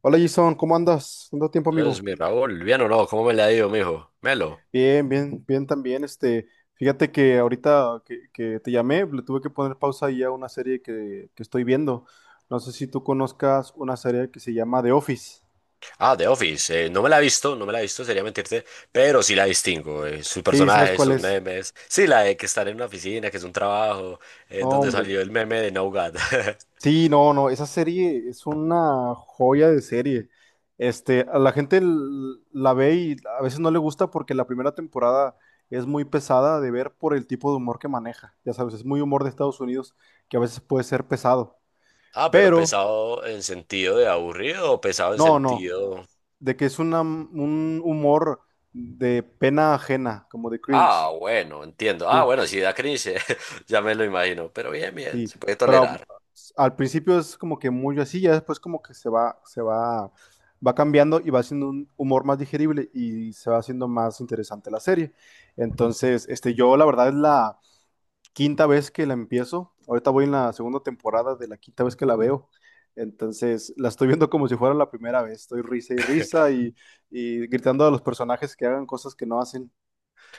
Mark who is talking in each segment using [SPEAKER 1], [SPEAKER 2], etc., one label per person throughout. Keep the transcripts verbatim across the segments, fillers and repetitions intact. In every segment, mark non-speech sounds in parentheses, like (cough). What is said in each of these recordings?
[SPEAKER 1] Hola Jason, ¿cómo andas? ¿Cuánto tiempo,
[SPEAKER 2] Entonces,
[SPEAKER 1] amigo?
[SPEAKER 2] mi Raúl, bien o no, ¿cómo me la ha ido, mijo? Melo.
[SPEAKER 1] Bien, bien, bien también. Este, fíjate que ahorita que, que te llamé, le tuve que poner pausa ahí a una serie que, que estoy viendo. No sé si tú conozcas una serie que se llama The Office.
[SPEAKER 2] Ah, The Office. eh, no me la he visto, no me la he visto, sería mentirte, pero sí la distingo. eh, sus
[SPEAKER 1] Sí, ¿sabes
[SPEAKER 2] personajes,
[SPEAKER 1] cuál
[SPEAKER 2] sus
[SPEAKER 1] es?
[SPEAKER 2] memes. Sí, la de que estar en una oficina, que es un trabajo,
[SPEAKER 1] No,
[SPEAKER 2] eh, donde
[SPEAKER 1] hombre.
[SPEAKER 2] salió el meme de No God. (laughs)
[SPEAKER 1] Sí, no, no, esa serie es una joya de serie. Este, a la gente l- la ve y a veces no le gusta porque la primera temporada es muy pesada de ver por el tipo de humor que maneja. Ya sabes, es muy humor de Estados Unidos que a veces puede ser pesado.
[SPEAKER 2] Ah, pero
[SPEAKER 1] Pero
[SPEAKER 2] pesado en sentido de aburrido o pesado en
[SPEAKER 1] no, no,
[SPEAKER 2] sentido.
[SPEAKER 1] de que es una- un humor de pena ajena, como de
[SPEAKER 2] Ah,
[SPEAKER 1] cringe.
[SPEAKER 2] bueno, entiendo. Ah,
[SPEAKER 1] Sí.
[SPEAKER 2] bueno, si da cringe, (laughs) ya me lo imagino. Pero bien, bien,
[SPEAKER 1] Sí,
[SPEAKER 2] se puede
[SPEAKER 1] pero mm,
[SPEAKER 2] tolerar.
[SPEAKER 1] al principio es como que muy así, ya después como que se va, se va, va cambiando y va haciendo un humor más digerible y se va haciendo más interesante la serie. Entonces, este, yo la verdad es la quinta vez que la empiezo. Ahorita voy en la segunda temporada de la quinta vez que la veo. Entonces, la estoy viendo como si fuera la primera vez. Estoy risa y risa y, y gritando a los personajes que hagan cosas que no hacen,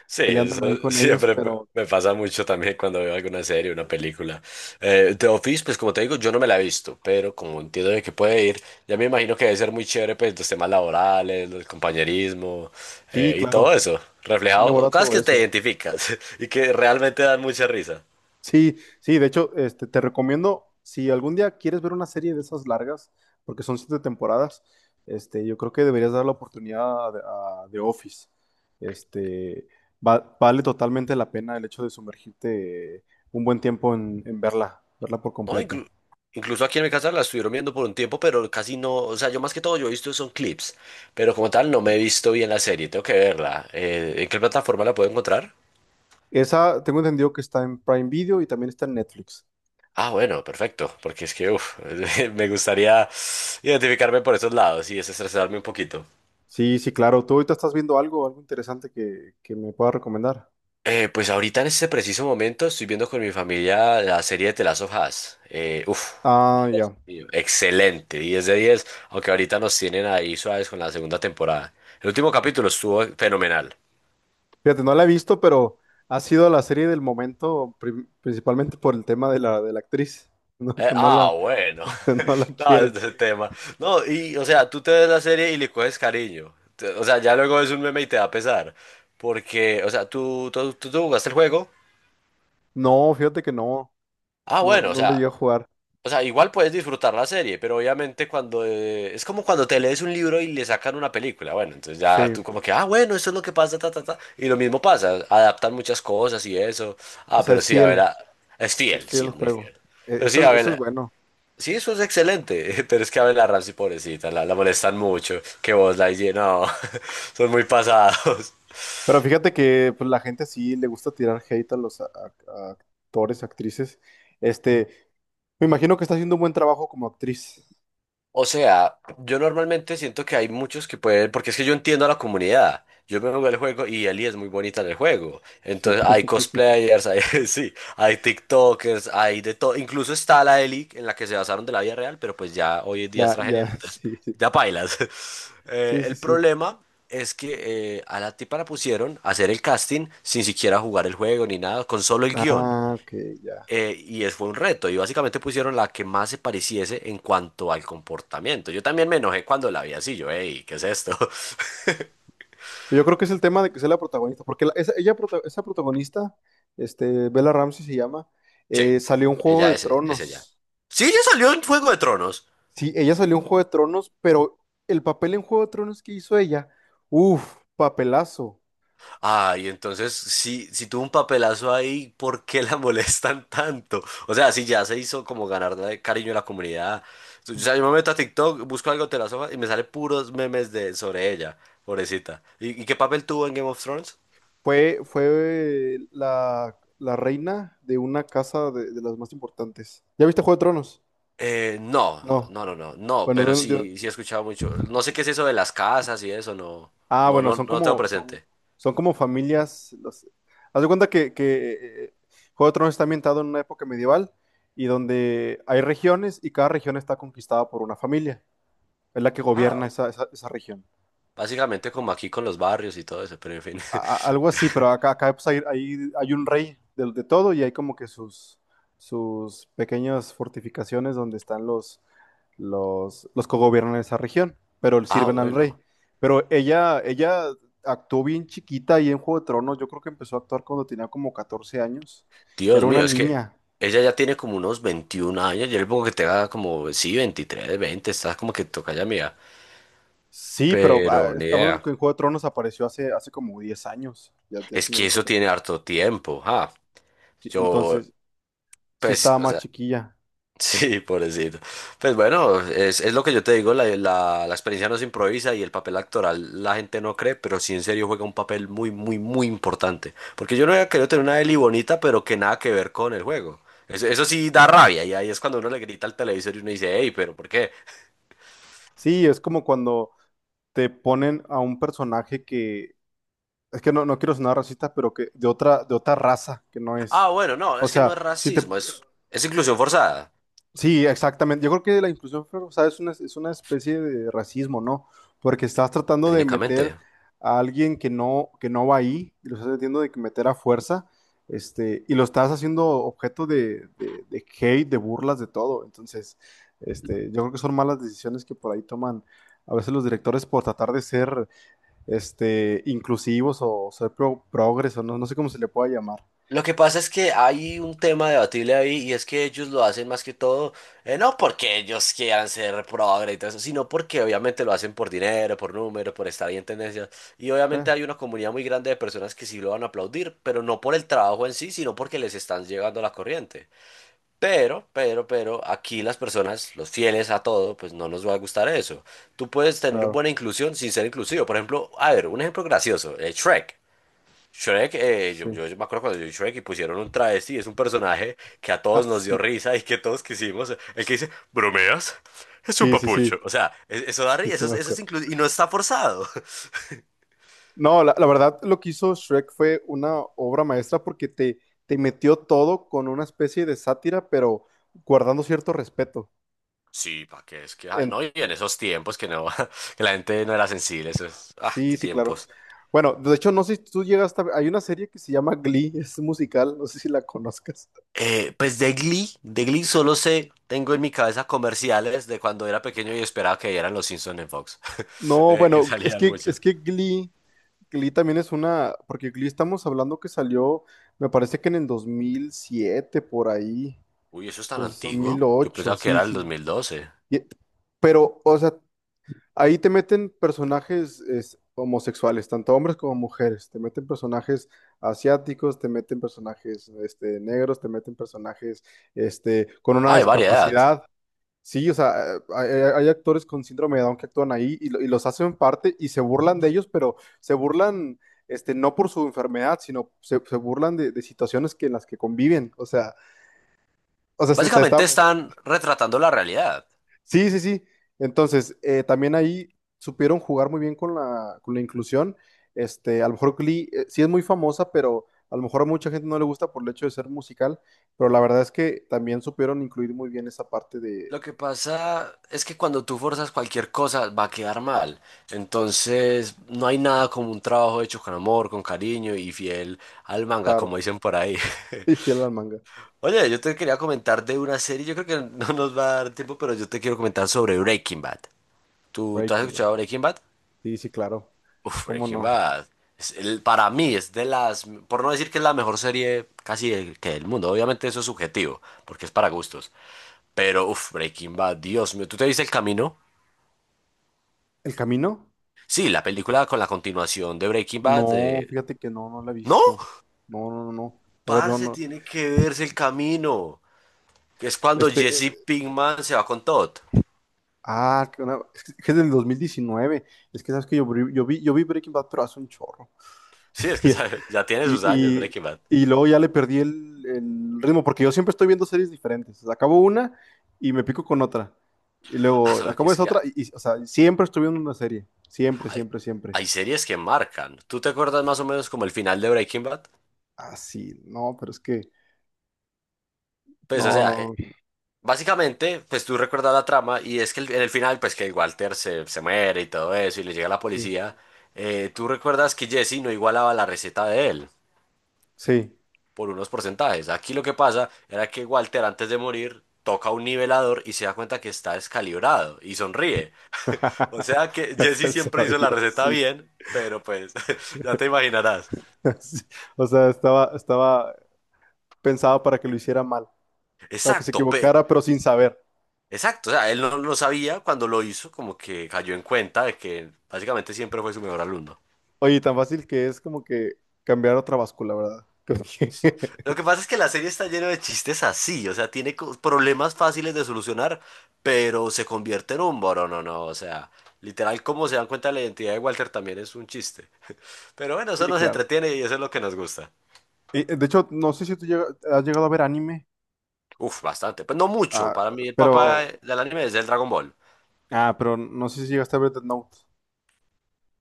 [SPEAKER 2] Sí, eso
[SPEAKER 1] peleándome ahí
[SPEAKER 2] (laughs)
[SPEAKER 1] con ellos,
[SPEAKER 2] siempre
[SPEAKER 1] pero
[SPEAKER 2] me pasa mucho también cuando veo alguna serie, una película. Eh, The Office, pues como te digo, yo no me la he visto, pero como entiendo de que puede ir, ya me imagino que debe ser muy chévere, pues los temas laborales, el compañerismo
[SPEAKER 1] sí,
[SPEAKER 2] eh, y
[SPEAKER 1] claro,
[SPEAKER 2] todo eso,
[SPEAKER 1] y
[SPEAKER 2] reflejado,
[SPEAKER 1] aborda
[SPEAKER 2] cosas
[SPEAKER 1] todo
[SPEAKER 2] que te
[SPEAKER 1] eso.
[SPEAKER 2] identificas (laughs) y que realmente dan mucha risa.
[SPEAKER 1] Sí, sí, de hecho, este, te recomiendo, si algún día quieres ver una serie de esas largas, porque son siete temporadas, este, yo creo que deberías dar la oportunidad a, a The Office. Este, va- vale totalmente la pena el hecho de sumergirte un buen tiempo en, en verla, verla por
[SPEAKER 2] No,
[SPEAKER 1] completo.
[SPEAKER 2] inclu- incluso aquí en mi casa la estuvieron viendo por un tiempo, pero casi no, o sea, yo más que todo yo he visto son clips, pero como tal no me he visto bien la serie, tengo que verla. Eh, ¿en qué plataforma la puedo encontrar?
[SPEAKER 1] Esa tengo entendido que está en Prime Video y también está en Netflix.
[SPEAKER 2] Ah, bueno, perfecto, porque es que uf, (laughs) me gustaría identificarme por esos lados y desestresarme un poquito.
[SPEAKER 1] Sí, sí, claro. ¿Tú ahorita estás viendo algo, algo interesante que, que me pueda recomendar?
[SPEAKER 2] Eh, pues ahorita en este preciso momento estoy viendo con mi familia la serie de The Last of Us. Eh, uf,
[SPEAKER 1] Ah,
[SPEAKER 2] Dios
[SPEAKER 1] ya.
[SPEAKER 2] mío, excelente, diez de diez, aunque ahorita nos tienen ahí suaves con la segunda temporada. El último capítulo estuvo fenomenal.
[SPEAKER 1] Fíjate, no la he visto, pero ha sido la serie del momento, prim- principalmente por el tema de la, de la actriz, (laughs) ¿no?
[SPEAKER 2] Eh,
[SPEAKER 1] Que no la,
[SPEAKER 2] ah, bueno.
[SPEAKER 1] (laughs) no la
[SPEAKER 2] No, (laughs)
[SPEAKER 1] quieren.
[SPEAKER 2] ese tema. No, y, o sea, tú te ves la serie y le coges cariño. Te- O sea, ya luego es un meme y te da pesar. Porque, o sea, tú, tú, tú, tú jugaste el juego.
[SPEAKER 1] No, fíjate que no,
[SPEAKER 2] Ah,
[SPEAKER 1] no,
[SPEAKER 2] bueno, o
[SPEAKER 1] no lo llegué
[SPEAKER 2] sea,
[SPEAKER 1] a jugar.
[SPEAKER 2] o sea, igual puedes disfrutar la serie, pero obviamente cuando eh, es como cuando te lees un libro y le sacan una película. Bueno, entonces ya
[SPEAKER 1] Sí,
[SPEAKER 2] tú como que, ah, bueno, eso es lo que pasa, ta, ta, ta. Y lo mismo pasa, adaptan muchas cosas y eso.
[SPEAKER 1] o
[SPEAKER 2] Ah,
[SPEAKER 1] sea,
[SPEAKER 2] pero
[SPEAKER 1] es
[SPEAKER 2] sí, a ver,
[SPEAKER 1] fiel,
[SPEAKER 2] ah, es
[SPEAKER 1] es
[SPEAKER 2] fiel,
[SPEAKER 1] fiel
[SPEAKER 2] sí,
[SPEAKER 1] al
[SPEAKER 2] es muy
[SPEAKER 1] juego.
[SPEAKER 2] fiel.
[SPEAKER 1] E-
[SPEAKER 2] Pero sí,
[SPEAKER 1] Eso,
[SPEAKER 2] a
[SPEAKER 1] es- eso es
[SPEAKER 2] ver,
[SPEAKER 1] bueno.
[SPEAKER 2] sí, eso es excelente, (laughs) pero es que a ver la Ramsey, pobrecita, la, la molestan mucho, que vos la higiene, no, (laughs) son muy pasados.
[SPEAKER 1] Pero fíjate que pues, la gente sí le gusta tirar hate a los a- a- a actores, actrices. Este, me imagino que está haciendo un buen trabajo como actriz.
[SPEAKER 2] O sea, yo normalmente siento que hay muchos que pueden, porque es que yo entiendo a la comunidad. Yo me jugué el juego y Ellie es muy bonita en el juego.
[SPEAKER 1] Sí,
[SPEAKER 2] Entonces hay
[SPEAKER 1] (laughs)
[SPEAKER 2] cosplayers, hay, (laughs) sí, hay TikTokers, hay de todo. Incluso está la Ellie en la que se basaron de la vida real, pero pues ya hoy en día es
[SPEAKER 1] ya, ya,
[SPEAKER 2] transgénero, entonces
[SPEAKER 1] sí, sí,
[SPEAKER 2] ya pailas. (laughs) Eh,
[SPEAKER 1] sí, sí,
[SPEAKER 2] el
[SPEAKER 1] sí.
[SPEAKER 2] problema es que eh, a la tipa la pusieron a hacer el casting sin siquiera jugar el juego ni nada, con solo el guión.
[SPEAKER 1] Ah, ok, ya.
[SPEAKER 2] Eh, y es, fue un reto, y básicamente pusieron la que más se pareciese en cuanto al comportamiento. Yo también me enojé cuando la vi así, yo, hey, ¿qué es esto? (laughs)
[SPEAKER 1] Yo creo que es el tema de que sea la protagonista, porque la- esa, ella, prota- esa protagonista, este, Bella Ramsey se llama,
[SPEAKER 2] Sí,
[SPEAKER 1] eh, salió en Juego
[SPEAKER 2] ella
[SPEAKER 1] de
[SPEAKER 2] es, es ella.
[SPEAKER 1] Tronos.
[SPEAKER 2] Sí, ella salió en Fuego de Tronos.
[SPEAKER 1] Sí, ella salió en Juego de Tronos, pero el papel en Juego de Tronos que hizo ella, uff, papelazo.
[SPEAKER 2] Ay, entonces, si, si tuvo un papelazo ahí, ¿por qué la (laughs) molestan tanto? O sea, si ya se hizo como ganar de cariño de la comunidad. O sea, yo me meto a TikTok, busco algo de las hojas y me sale puros memes de, sobre ella, pobrecita. ¿Y, y qué papel tuvo en Game of Thrones?
[SPEAKER 1] Fue, fue la, la reina de una casa de, de las más importantes. ¿Ya viste Juego de Tronos?
[SPEAKER 2] Eh, no,
[SPEAKER 1] No.
[SPEAKER 2] no, no, no, no,
[SPEAKER 1] Bueno,
[SPEAKER 2] pero
[SPEAKER 1] de, un- de-
[SPEAKER 2] sí, sí he escuchado mucho. No sé qué es eso de las casas y eso, no,
[SPEAKER 1] ah,
[SPEAKER 2] no,
[SPEAKER 1] bueno,
[SPEAKER 2] no,
[SPEAKER 1] son
[SPEAKER 2] no tengo
[SPEAKER 1] como, son,
[SPEAKER 2] presente.
[SPEAKER 1] son como familias. Los... Haz de cuenta que, que eh, Juego de Tronos está ambientado en una época medieval y donde hay regiones y cada región está conquistada por una familia. Es la que
[SPEAKER 2] Ah,
[SPEAKER 1] gobierna esa, esa, esa región.
[SPEAKER 2] básicamente como aquí con los barrios y todo eso, pero en fin.
[SPEAKER 1] a- a- algo así, pero
[SPEAKER 2] (laughs)
[SPEAKER 1] acá, acá pues, hay, hay, hay un rey de, de todo y hay como que sus, sus pequeñas fortificaciones donde están los, los, los que gobiernan esa región, pero le
[SPEAKER 2] Ah,
[SPEAKER 1] sirven al rey.
[SPEAKER 2] bueno.
[SPEAKER 1] Pero ella, ella actuó bien chiquita y en Juego de Tronos, yo creo que empezó a actuar cuando tenía como catorce años.
[SPEAKER 2] Dios
[SPEAKER 1] Era una
[SPEAKER 2] mío, es que
[SPEAKER 1] niña.
[SPEAKER 2] ella ya tiene como unos veintiún años. Yo le pongo que tenga como, sí, veintitrés, veinte. Está como que toca ya mía.
[SPEAKER 1] Sí, pero ah,
[SPEAKER 2] Pero ni
[SPEAKER 1] está hablando
[SPEAKER 2] idea.
[SPEAKER 1] que en Juego de Tronos apareció hace, hace como diez años. Ya, ya
[SPEAKER 2] Es
[SPEAKER 1] tiene
[SPEAKER 2] que
[SPEAKER 1] rato
[SPEAKER 2] eso
[SPEAKER 1] que-
[SPEAKER 2] tiene harto tiempo, ja.
[SPEAKER 1] sí,
[SPEAKER 2] Yo,
[SPEAKER 1] entonces, sí
[SPEAKER 2] pues,
[SPEAKER 1] estaba
[SPEAKER 2] o
[SPEAKER 1] más
[SPEAKER 2] sea,
[SPEAKER 1] chiquilla.
[SPEAKER 2] sí, pobrecito. Pues bueno, es, es lo que yo te digo, la, la, la experiencia no se improvisa y el papel actoral la gente no cree, pero sí en serio juega un papel muy, muy, muy importante. Porque yo no había querido tener una Eli bonita, pero que nada que ver con el juego. Eso, eso sí da rabia y ahí es cuando uno le grita al televisor y uno dice, hey, pero ¿por qué?
[SPEAKER 1] Sí, es como cuando te ponen a un personaje que, es que no, no quiero sonar racista, pero que de otra, de otra raza que no es.
[SPEAKER 2] Ah, bueno, no,
[SPEAKER 1] O
[SPEAKER 2] es que no es
[SPEAKER 1] sea, si te,
[SPEAKER 2] racismo, es, es inclusión forzada,
[SPEAKER 1] sí, exactamente. Yo creo que la inclusión forzada es una, es una especie de racismo, ¿no? Porque estás tratando de meter
[SPEAKER 2] técnicamente.
[SPEAKER 1] a alguien que no, que no va ahí, y lo estás metiendo de que meter a fuerza, este, y lo estás haciendo objeto de, de, de hate, de burlas, de todo. Entonces, este, yo creo que son malas decisiones que por ahí toman a veces los directores por tratar de ser este, inclusivos o ser pro, progres, no, no sé cómo se le pueda llamar.
[SPEAKER 2] Lo que pasa es que hay un tema debatible ahí y es que ellos lo hacen más que todo, eh, no porque ellos quieran ser progre y todo eso, sino porque obviamente lo hacen por dinero, por número, por estar ahí en tendencia. Y obviamente
[SPEAKER 1] Bueno,
[SPEAKER 2] hay una comunidad muy grande de personas que sí lo van a aplaudir, pero no por el trabajo en sí, sino porque les están llegando la corriente. Pero, pero, pero, aquí las personas, los fieles a todo, pues no nos va a gustar eso. Tú puedes tener
[SPEAKER 1] claro,
[SPEAKER 2] buena inclusión sin ser inclusivo. Por ejemplo, a ver, un ejemplo gracioso, eh, Shrek. Shrek, eh,
[SPEAKER 1] sí.
[SPEAKER 2] yo, yo
[SPEAKER 1] (laughs)
[SPEAKER 2] me acuerdo cuando yo vi Shrek y pusieron un travesti, es un personaje que a todos
[SPEAKER 1] Ah,
[SPEAKER 2] nos dio
[SPEAKER 1] sí.
[SPEAKER 2] risa y que todos quisimos. El que dice, ¿bromeas? Es un
[SPEAKER 1] Sí, sí, sí.
[SPEAKER 2] papucho. O sea, es- eso da
[SPEAKER 1] Sí,
[SPEAKER 2] risa,
[SPEAKER 1] sí
[SPEAKER 2] eso, es-
[SPEAKER 1] me
[SPEAKER 2] eso es
[SPEAKER 1] acuerdo.
[SPEAKER 2] incluso, y no está forzado. (laughs)
[SPEAKER 1] No, la, la verdad, lo que hizo Shrek fue una obra maestra porque te, te metió todo con una especie de sátira, pero guardando cierto respeto.
[SPEAKER 2] Sí, pa' qué es que, ah,
[SPEAKER 1] En-
[SPEAKER 2] no, y en esos tiempos que no, (laughs) que la gente no era sensible, eso es, ah,
[SPEAKER 1] sí,
[SPEAKER 2] qué
[SPEAKER 1] sí, claro.
[SPEAKER 2] tiempos.
[SPEAKER 1] Bueno, de hecho, no sé si tú llegas a... Hay una serie que se llama Glee, (laughs) es musical, no sé si la conozcas.
[SPEAKER 2] Eh, pues de Glee, de Glee solo sé, tengo en mi cabeza comerciales de cuando era pequeño y esperaba que eran los Simpsons en Fox, (laughs)
[SPEAKER 1] No,
[SPEAKER 2] eh, que
[SPEAKER 1] bueno, es
[SPEAKER 2] salían
[SPEAKER 1] que,
[SPEAKER 2] muchos.
[SPEAKER 1] es que Glee Glee también es una, porque Glee estamos hablando que salió, me parece que en el dos mil siete, por ahí,
[SPEAKER 2] Uy, ¿eso es tan antiguo? Yo
[SPEAKER 1] dos mil ocho,
[SPEAKER 2] pensaba que
[SPEAKER 1] sí,
[SPEAKER 2] era el
[SPEAKER 1] sí.
[SPEAKER 2] dos mil doce.
[SPEAKER 1] Y- pero, o sea, ahí te meten personajes es, homosexuales, tanto hombres como mujeres, te meten personajes asiáticos, te meten personajes este, negros, te meten personajes este, con una
[SPEAKER 2] Ah, hay variedad.
[SPEAKER 1] discapacidad. Sí, o sea, eh, hay, hay- hay actores con síndrome de Down que actúan ahí y, lo- y los hacen parte y se burlan de ellos, pero se burlan, este, no por su enfermedad, sino se, se burlan de, de situaciones que en las que conviven. O sea, o sea, se- está, está-
[SPEAKER 2] Básicamente están retratando la realidad.
[SPEAKER 1] sí, sí, sí. Entonces, eh, también ahí supieron jugar muy bien con la, con la inclusión. Este, a lo mejor Glee, eh, sí es muy famosa, pero a lo mejor a mucha gente no le gusta por el hecho de ser musical, pero la verdad es que también supieron incluir muy bien esa parte de,
[SPEAKER 2] Lo que pasa es que cuando tú forzas cualquier cosa va a quedar mal. Entonces, no hay nada como un trabajo hecho con amor, con cariño y fiel al manga, como
[SPEAKER 1] claro,
[SPEAKER 2] dicen por ahí.
[SPEAKER 1] (laughs) y
[SPEAKER 2] (laughs)
[SPEAKER 1] fiel al manga.
[SPEAKER 2] Oye, yo te quería comentar de una serie, yo creo que (laughs) no nos va a dar tiempo, pero yo te quiero comentar sobre Breaking Bad. ¿Tú, tú has
[SPEAKER 1] Breaking Bad.
[SPEAKER 2] escuchado Breaking Bad?
[SPEAKER 1] Sí, sí, claro.
[SPEAKER 2] Uf,
[SPEAKER 1] ¿Cómo
[SPEAKER 2] Breaking
[SPEAKER 1] no?
[SPEAKER 2] Bad. Es el- para mí es de las, por no decir que es la mejor serie casi del, que del mundo, obviamente eso es subjetivo, porque es para gustos. Pero, uf, Breaking Bad, Dios mío, ¿tú te viste El Camino?
[SPEAKER 1] ¿El camino?
[SPEAKER 2] Sí, la película con la continuación de Breaking Bad.
[SPEAKER 1] No,
[SPEAKER 2] de-
[SPEAKER 1] fíjate que no, no la he
[SPEAKER 2] No,
[SPEAKER 1] visto. No, no, no, no. A ver, no,
[SPEAKER 2] parce,
[SPEAKER 1] no.
[SPEAKER 2] tiene que verse El Camino, que es cuando
[SPEAKER 1] Este, eh,
[SPEAKER 2] Jesse Pinkman se va con Todd.
[SPEAKER 1] ah, que una- es que es del dos mil diecinueve. Es que sabes que yo, vi- yo vi, yo vi Breaking Bad, pero hace un chorro.
[SPEAKER 2] Sí, es que (laughs)
[SPEAKER 1] (laughs)
[SPEAKER 2] sabe, ya tiene
[SPEAKER 1] Y,
[SPEAKER 2] sus años
[SPEAKER 1] y,
[SPEAKER 2] Breaking Bad.
[SPEAKER 1] y luego ya le perdí el, el ritmo, porque yo siempre estoy viendo series diferentes. Acabo una y me pico con otra. Y
[SPEAKER 2] Ah,
[SPEAKER 1] luego
[SPEAKER 2] solo que
[SPEAKER 1] acabo
[SPEAKER 2] es
[SPEAKER 1] esa
[SPEAKER 2] que
[SPEAKER 1] otra, y, y, o sea, siempre estoy viendo una serie. Siempre,
[SPEAKER 2] hay,
[SPEAKER 1] siempre, siempre.
[SPEAKER 2] hay series que marcan. ¿Tú te acuerdas más o menos como el final de Breaking Bad?
[SPEAKER 1] Ah, sí, no, pero es que,
[SPEAKER 2] Pues, o
[SPEAKER 1] no,
[SPEAKER 2] sea, eh,
[SPEAKER 1] no, no.
[SPEAKER 2] Básicamente, pues tú recuerdas la trama y es que el- en el final, pues que Walter se, se muere y todo eso y le llega la
[SPEAKER 1] Sí.
[SPEAKER 2] policía, eh, tú recuerdas que Jesse no igualaba la receta de él
[SPEAKER 1] Sí.
[SPEAKER 2] por unos porcentajes. Aquí lo que pasa era que Walter antes de morir toca un nivelador y se da cuenta que está descalibrado y sonríe. O sea
[SPEAKER 1] (laughs)
[SPEAKER 2] que
[SPEAKER 1] Ya se
[SPEAKER 2] Jesse siempre hizo la
[SPEAKER 1] sabía,
[SPEAKER 2] receta
[SPEAKER 1] sí.
[SPEAKER 2] bien, pero pues (laughs) ya te
[SPEAKER 1] (laughs)
[SPEAKER 2] imaginarás.
[SPEAKER 1] Sí. O sea, estaba, estaba pensado para que lo hiciera mal, para que se
[SPEAKER 2] Exacto, pe-
[SPEAKER 1] equivocara, pero sin saber.
[SPEAKER 2] Exacto, o sea, él no lo sabía cuando lo hizo, como que cayó en cuenta de que básicamente siempre fue su mejor alumno.
[SPEAKER 1] Oye, tan fácil que es como que cambiar otra báscula, ¿verdad? Creo que- (laughs)
[SPEAKER 2] Lo que pasa es que la serie está llena de chistes así, o sea, tiene co- problemas fáciles de solucionar, pero se convierte en un boro, no, no, o sea, literal, como se dan cuenta de la identidad de Walter también es un chiste. Pero bueno, eso
[SPEAKER 1] Sí,
[SPEAKER 2] nos
[SPEAKER 1] claro.
[SPEAKER 2] entretiene y eso es lo que nos gusta.
[SPEAKER 1] Y, eh, de hecho, no sé si tú llega- has llegado a ver anime,
[SPEAKER 2] Uf, bastante, pues no mucho,
[SPEAKER 1] ah,
[SPEAKER 2] para mí el papá
[SPEAKER 1] pero,
[SPEAKER 2] del anime es el Dragon Ball.
[SPEAKER 1] ah, pero no sé si llegaste a ver Death Note.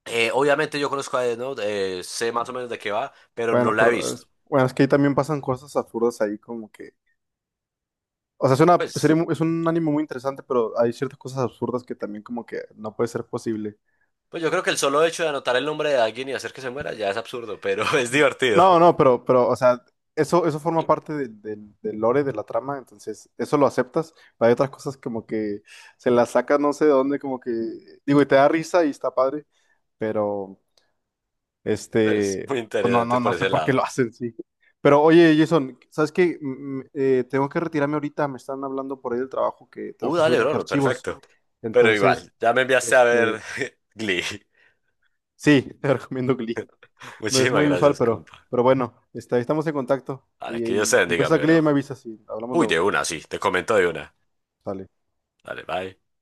[SPEAKER 2] Eh, obviamente yo conozco a Death Note, eh, sé más o
[SPEAKER 1] Ah,
[SPEAKER 2] menos de qué va, pero no
[SPEAKER 1] bueno,
[SPEAKER 2] la he
[SPEAKER 1] pero
[SPEAKER 2] visto.
[SPEAKER 1] es, bueno, es que ahí también pasan cosas absurdas ahí, como que o sea, es una serie
[SPEAKER 2] Pues,
[SPEAKER 1] mu- es un anime muy interesante, pero hay ciertas cosas absurdas que también como que no puede ser posible.
[SPEAKER 2] pues yo creo que el solo hecho de anotar el nombre de alguien y hacer que se muera ya es absurdo, pero (laughs) es divertido.
[SPEAKER 1] No, no, pero, pero, o sea, eso, eso forma parte de- del del lore de la trama, entonces eso lo aceptas, pero hay otras cosas como que se las saca no sé de dónde, como que, digo, y te da risa y está padre, pero
[SPEAKER 2] Es
[SPEAKER 1] Este,
[SPEAKER 2] muy
[SPEAKER 1] pues no,
[SPEAKER 2] interesante
[SPEAKER 1] no, no
[SPEAKER 2] por
[SPEAKER 1] sé
[SPEAKER 2] ese
[SPEAKER 1] por qué lo (laughs)
[SPEAKER 2] lado.
[SPEAKER 1] hacen, sí. Pero oye, Jason, ¿sabes qué? Mm, eh, tengo que retirarme ahorita, me están hablando por ahí del trabajo que tengo
[SPEAKER 2] Uh,
[SPEAKER 1] que subir
[SPEAKER 2] dale,
[SPEAKER 1] unos
[SPEAKER 2] bro,
[SPEAKER 1] archivos.
[SPEAKER 2] perfecto. Pero
[SPEAKER 1] Entonces,
[SPEAKER 2] igual, ya me enviaste a
[SPEAKER 1] este,
[SPEAKER 2] ver (laughs) Glee.
[SPEAKER 1] sí, (laughs) te recomiendo Glee. No es
[SPEAKER 2] Muchísimas
[SPEAKER 1] muy usual,
[SPEAKER 2] gracias,
[SPEAKER 1] pero,
[SPEAKER 2] compa.
[SPEAKER 1] pero bueno, este, ahí estamos en contacto.
[SPEAKER 2] Dale,
[SPEAKER 1] Y,
[SPEAKER 2] que Dios
[SPEAKER 1] y
[SPEAKER 2] te bendiga,
[SPEAKER 1] empieza
[SPEAKER 2] mi
[SPEAKER 1] Glee y
[SPEAKER 2] bro.
[SPEAKER 1] me avisas y hablamos
[SPEAKER 2] Uy, de
[SPEAKER 1] luego.
[SPEAKER 2] una, sí, te comento de una.
[SPEAKER 1] Sale.
[SPEAKER 2] Dale, bye.